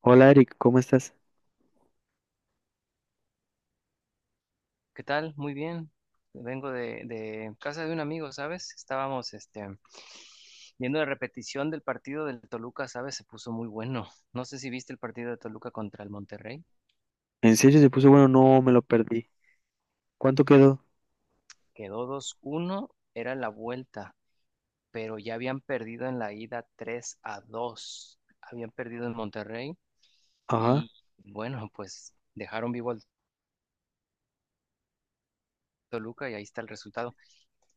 Hola Eric, ¿cómo estás? ¿Qué tal? Muy bien. Vengo de casa de un amigo, ¿sabes? Estábamos viendo la repetición del partido del Toluca, ¿sabes? Se puso muy bueno. No sé si viste el partido de Toluca contra el Monterrey. ¿En serio se puso bueno? No, me lo perdí. ¿Cuánto quedó? Quedó 2 uno. Era la vuelta, pero ya habían perdido en la ida 3-2. Habían perdido en Monterrey Ajá. y bueno, pues dejaron vivo al Toluca y ahí está el resultado.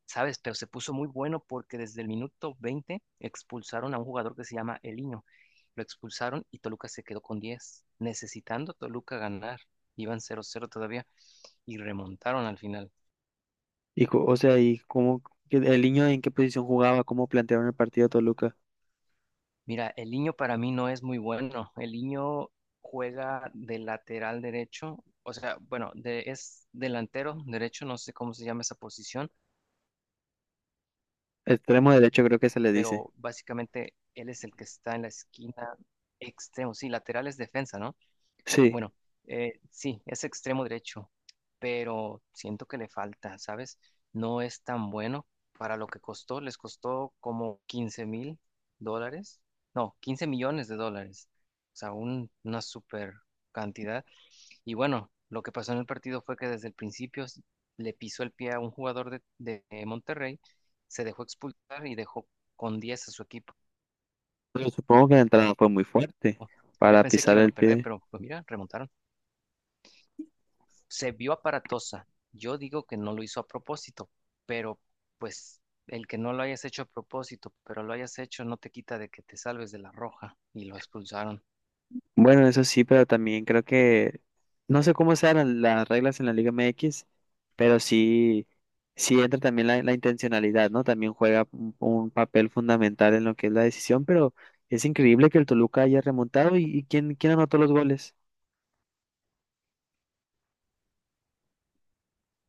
¿Sabes? Pero se puso muy bueno porque desde el minuto 20 expulsaron a un jugador que se llama Eliño. Lo expulsaron y Toluca se quedó con 10, necesitando Toluca ganar. Iban 0-0 todavía y remontaron al final. ¿Y cómo, el niño en qué posición jugaba? ¿Cómo plantearon el partido a Toluca? Mira, Eliño para mí no es muy bueno. Eliño juega de lateral derecho, o sea, bueno, es delantero derecho, no sé cómo se llama esa posición, Extremo derecho creo que se le dice. pero básicamente él es el que está en la esquina extremo, sí, lateral es defensa, ¿no? Sí. Bueno, sí, es extremo derecho, pero siento que le falta, ¿sabes? No es tan bueno para lo que costó. Les costó como $15,000, no, 15 millones de dólares. O sea, una super cantidad. Y bueno, lo que pasó en el partido fue que desde el principio le pisó el pie a un jugador de Monterrey, se dejó expulsar y dejó con 10 a su equipo. Pero supongo que la entrada fue muy fuerte Yo para pensé que pisar iban a el perder, pie. pero pues mira, remontaron. Se vio aparatosa. Yo digo que no lo hizo a propósito, pero pues el que no lo hayas hecho a propósito, pero lo hayas hecho no te quita de que te salves de la roja y lo expulsaron. Bueno, eso sí, pero también creo que no sé cómo sean las reglas en la Liga MX, pero sí, sí entra también la intencionalidad, ¿no? También juega un papel fundamental en lo que es la decisión, pero es increíble que el Toluca haya remontado y quién anotó los goles.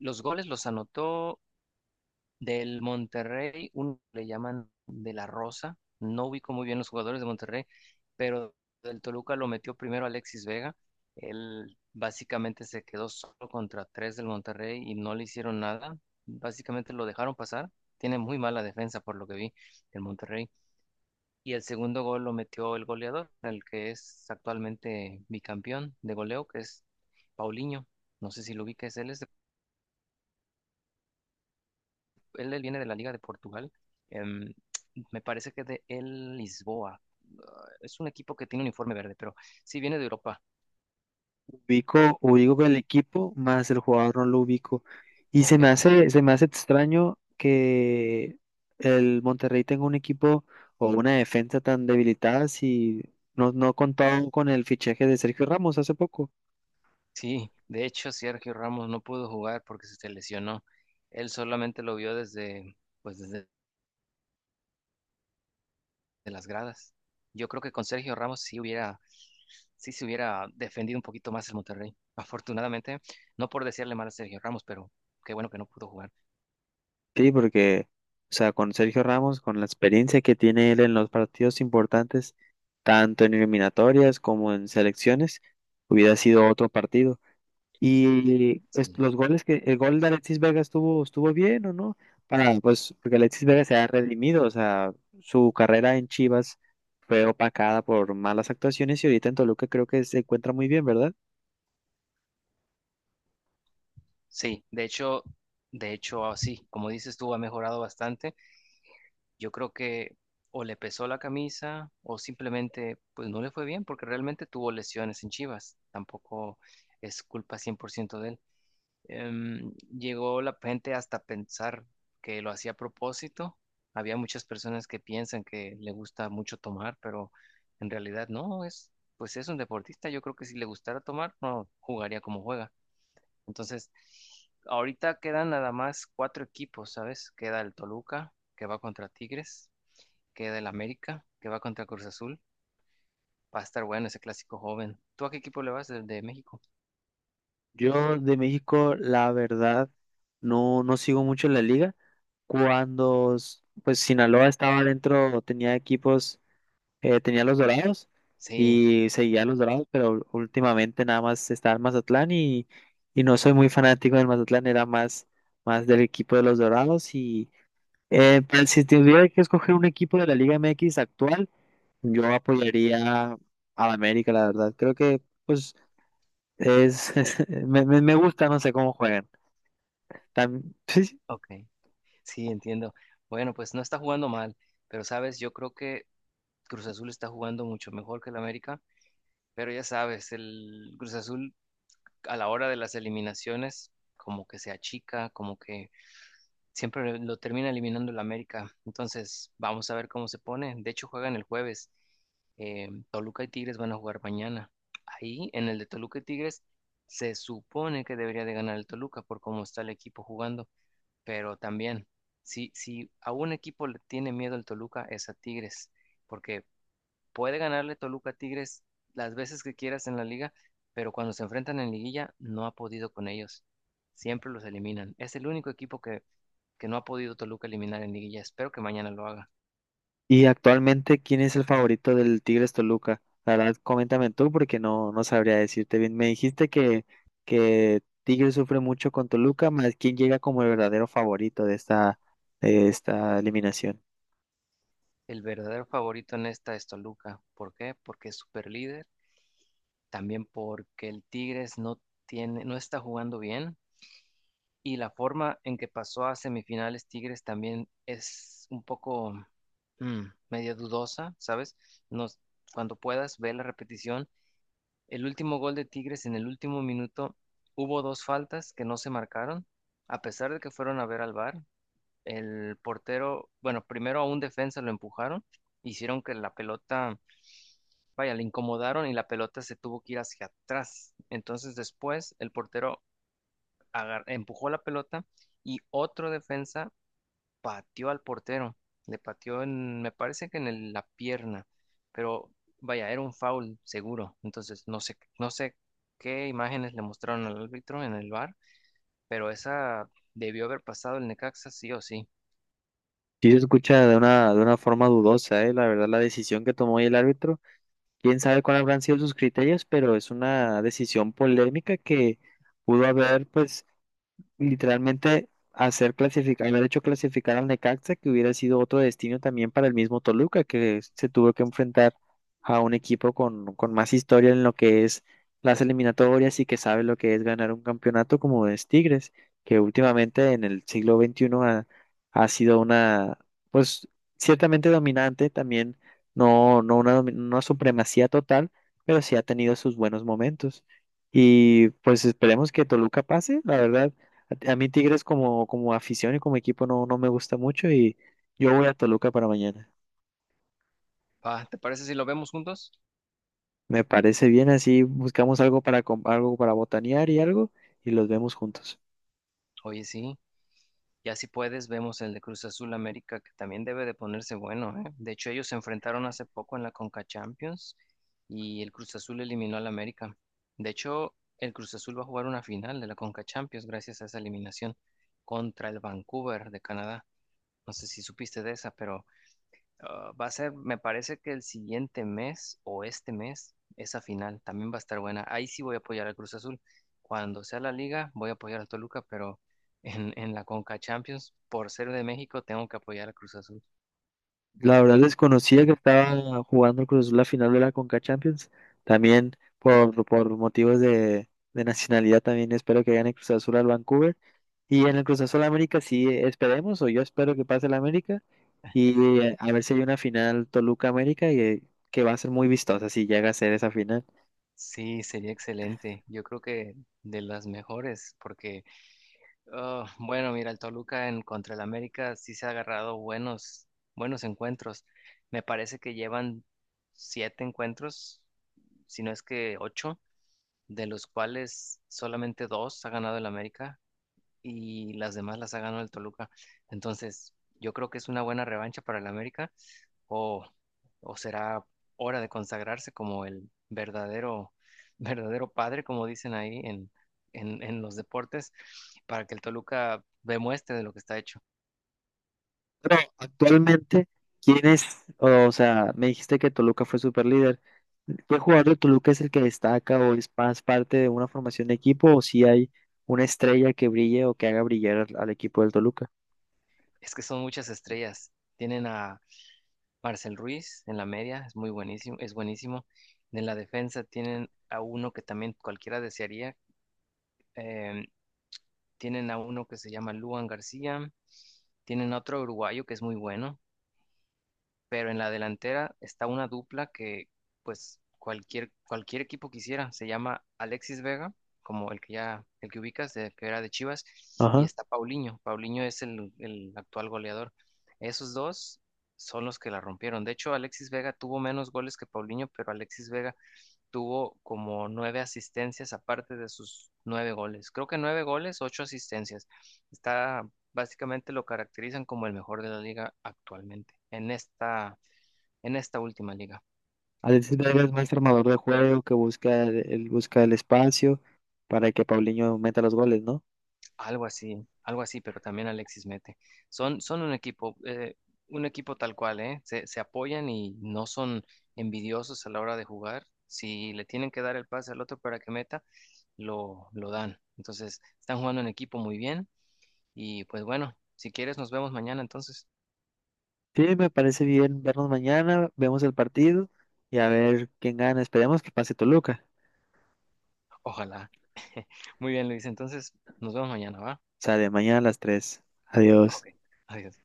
Los goles los anotó del Monterrey, uno le llaman de la Rosa. No ubico muy bien los jugadores de Monterrey, pero del Toluca lo metió primero Alexis Vega. Él básicamente se quedó solo contra tres del Monterrey y no le hicieron nada. Básicamente lo dejaron pasar. Tiene muy mala defensa por lo que vi el Monterrey. Y el segundo gol lo metió el goleador, el que es actualmente bicampeón de goleo, que es Paulinho. No sé si lo ubicas, él es él viene de la Liga de Portugal. em, Me parece que de el Lisboa. Ah, es un equipo que tiene un uniforme verde, pero sí viene de Europa. Ubico el equipo, más el jugador no lo ubico. Y Ok. Se me hace extraño que el Monterrey tenga un equipo o una defensa tan debilitada si no contaban con el fichaje de Sergio Ramos hace poco. Sí, de hecho, Sergio Ramos no pudo jugar porque se lesionó. Él solamente lo vio desde, pues desde de las gradas. Yo creo que con Sergio Ramos sí hubiera, sí se hubiera defendido un poquito más el Monterrey. Afortunadamente, no por decirle mal a Sergio Ramos, pero qué bueno que no pudo jugar. Sí, porque, o sea, con Sergio Ramos, con la experiencia que tiene él en los partidos importantes, tanto en eliminatorias como en selecciones, hubiera sido otro partido. Y pues, Sí. los goles que, el gol de Alexis Vega estuvo bien, ¿o no? Para, pues, porque Alexis Vega se ha redimido, o sea, su carrera en Chivas fue opacada por malas actuaciones y ahorita en Toluca creo que se encuentra muy bien, ¿verdad? Sí, de hecho, ah, sí, como dices tú, ha mejorado bastante. Yo creo que o le pesó la camisa o simplemente pues no le fue bien porque realmente tuvo lesiones en Chivas. Tampoco es culpa 100% de él. Em, Llegó la gente hasta pensar que lo hacía a propósito. Había muchas personas que piensan que le gusta mucho tomar, pero en realidad no, es pues es un deportista. Yo creo que si le gustara tomar, no jugaría como juega. Entonces, ahorita quedan nada más cuatro equipos, ¿sabes? Queda el Toluca, que va contra Tigres, queda el América, que va contra Cruz Azul. Va a estar bueno ese clásico joven. ¿Tú a qué equipo le vas de México? Yo de México, la verdad, no sigo mucho la liga. Pues, Sinaloa estaba dentro, tenía equipos. Tenía los Dorados Sí, y seguía a los Dorados, pero últimamente nada más está el Mazatlán y no soy muy fanático del Mazatlán, más del equipo de los Dorados. Y pues, si tuviera que escoger un equipo de la Liga MX actual, yo apoyaría al América, la verdad. Creo que pues es, me gusta, no sé cómo juegan. Tam- ok, sí, entiendo. Bueno, pues no está jugando mal, pero sabes, yo creo que Cruz Azul está jugando mucho mejor que el América, pero ya sabes, el Cruz Azul a la hora de las eliminaciones como que se achica, como que siempre lo termina eliminando el América. Entonces, vamos a ver cómo se pone. De hecho, juegan el jueves. Toluca y Tigres van a jugar mañana. Ahí, en el de Toluca y Tigres, se supone que debería de ganar el Toluca por cómo está el equipo jugando. Pero también, si a un equipo le tiene miedo el Toluca, es a Tigres. Porque puede ganarle Toluca a Tigres las veces que quieras en la liga, pero cuando se enfrentan en liguilla no ha podido con ellos. Siempre los eliminan. Es el único equipo que no ha podido Toluca eliminar en liguilla. Espero que mañana lo haga. Y actualmente, ¿quién es el favorito del Tigres Toluca? La verdad, coméntame tú porque no sabría decirte bien. Me dijiste que Tigres sufre mucho con Toluca, más quién llega como el verdadero favorito de de esta eliminación. El verdadero favorito en esta es Toluca. ¿Por qué? Porque es super líder. También porque el Tigres no tiene, no está jugando bien. Y la forma en que pasó a semifinales Tigres también es un poco medio dudosa, ¿sabes? No, cuando puedas, ve la repetición. El último gol de Tigres en el último minuto hubo dos faltas que no se marcaron, a pesar de que fueron a ver al VAR. El portero, bueno, primero a un defensa lo empujaron, hicieron que la pelota, vaya, le incomodaron y la pelota se tuvo que ir hacia atrás. Entonces después el portero empujó la pelota y otro defensa pateó al portero, le pateó en, me parece que en la pierna, pero vaya, era un foul seguro, entonces no sé qué imágenes le mostraron al árbitro en el bar, pero esa debió haber pasado el Necaxa sí o sí. Sí se escucha de de una forma dudosa, ¿eh? La verdad, la decisión que tomó el árbitro, quién sabe cuáles habrán sido sus criterios, pero es una decisión polémica que pudo haber, pues, literalmente hacer clasificar, haber hecho clasificar al Necaxa, que hubiera sido otro destino también para el mismo Toluca, que se tuvo que enfrentar a un equipo con más historia en lo que es las eliminatorias y que sabe lo que es ganar un campeonato como es Tigres, que últimamente en el siglo XXI ha, ha sido una, pues ciertamente dominante, también no, una supremacía total, pero sí ha tenido sus buenos momentos. Y pues esperemos que Toluca pase, la verdad. A mí Tigres como afición y como equipo no me gusta mucho y yo voy a Toluca para mañana. Ah, ¿te parece si lo vemos juntos? Me parece bien, así buscamos algo algo para botanear y algo y los vemos juntos. Oye, sí, ya si puedes, vemos el de Cruz Azul América, que también debe de ponerse bueno, ¿eh? De hecho, ellos se enfrentaron hace poco en la Conca Champions y el Cruz Azul eliminó al América. De hecho, el Cruz Azul va a jugar una final de la Conca Champions gracias a esa eliminación contra el Vancouver de Canadá. No sé si supiste de esa, pero ah, va a ser, me parece que el siguiente mes o este mes, esa final también va a estar buena. Ahí sí voy a apoyar al Cruz Azul. Cuando sea la liga, voy a apoyar al Toluca, pero en la Conca Champions, por ser de México, tengo que apoyar al Cruz Azul. La verdad desconocía que estaba jugando el Cruz Azul la final de la Conca Champions. También por motivos de nacionalidad también espero que gane Cruz Azul al Vancouver. Y en el Cruz Azul América sí esperemos, o yo espero que pase el América. Y a ver si hay una final Toluca América y, que va a ser muy vistosa si llega a ser esa final. Sí, sería excelente. Yo creo que de las mejores, porque, ah, bueno, mira, el Toluca en contra el América sí se ha agarrado buenos, buenos encuentros. Me parece que llevan siete encuentros, si no es que ocho de los cuales solamente dos ha ganado el América y las demás las ha ganado el Toluca. Entonces, yo creo que es una buena revancha para el América o, o será hora de consagrarse como el verdadero, verdadero padre, como dicen ahí en, en los deportes, para que el Toluca demuestre de lo que está hecho. No, actualmente, ¿quién es? O sea, me dijiste que Toluca fue super líder. ¿Qué jugador de Toluca es el que destaca o es más parte de una formación de equipo o si hay una estrella que brille o que haga brillar al, al equipo del Toluca? Es que son muchas estrellas. Tienen a Marcel Ruiz en la media, es muy buenísimo, es buenísimo. En la defensa tienen a uno que también cualquiera desearía. eh, Tienen a uno que se llama Luan García. Tienen a otro uruguayo que es muy bueno, pero en la delantera está una dupla que pues cualquier equipo quisiera. Se llama Alexis Vega, como el que ya, el que ubicas, que era de Chivas, y Ajá. está Paulinho. Paulinho es el actual goleador. Esos dos son los que la rompieron. De hecho, Alexis Vega tuvo menos goles que Paulinho, pero Alexis Vega tuvo como nueve asistencias aparte de sus nueve goles. Creo que nueve goles, ocho asistencias. Está, básicamente lo caracterizan como el mejor de la liga actualmente, en esta última liga. Alexis Vega es más armador de juego que busca el, busca el espacio para que Paulinho meta los goles, ¿no? Algo así, pero también Alexis mete. Son un equipo tal cual, ¿eh? Se apoyan y no son envidiosos a la hora de jugar. Si le tienen que dar el pase al otro para que meta, lo dan. Entonces, están jugando en equipo muy bien y pues bueno, si quieres nos vemos mañana entonces. Sí, me parece bien vernos mañana, vemos el partido y a ver quién gana. Esperemos que pase Toluca. Ojalá. Muy bien, Luis. Entonces, nos vemos mañana, ¿va? Sale mañana a las 3. Adiós. Ok. Adiós.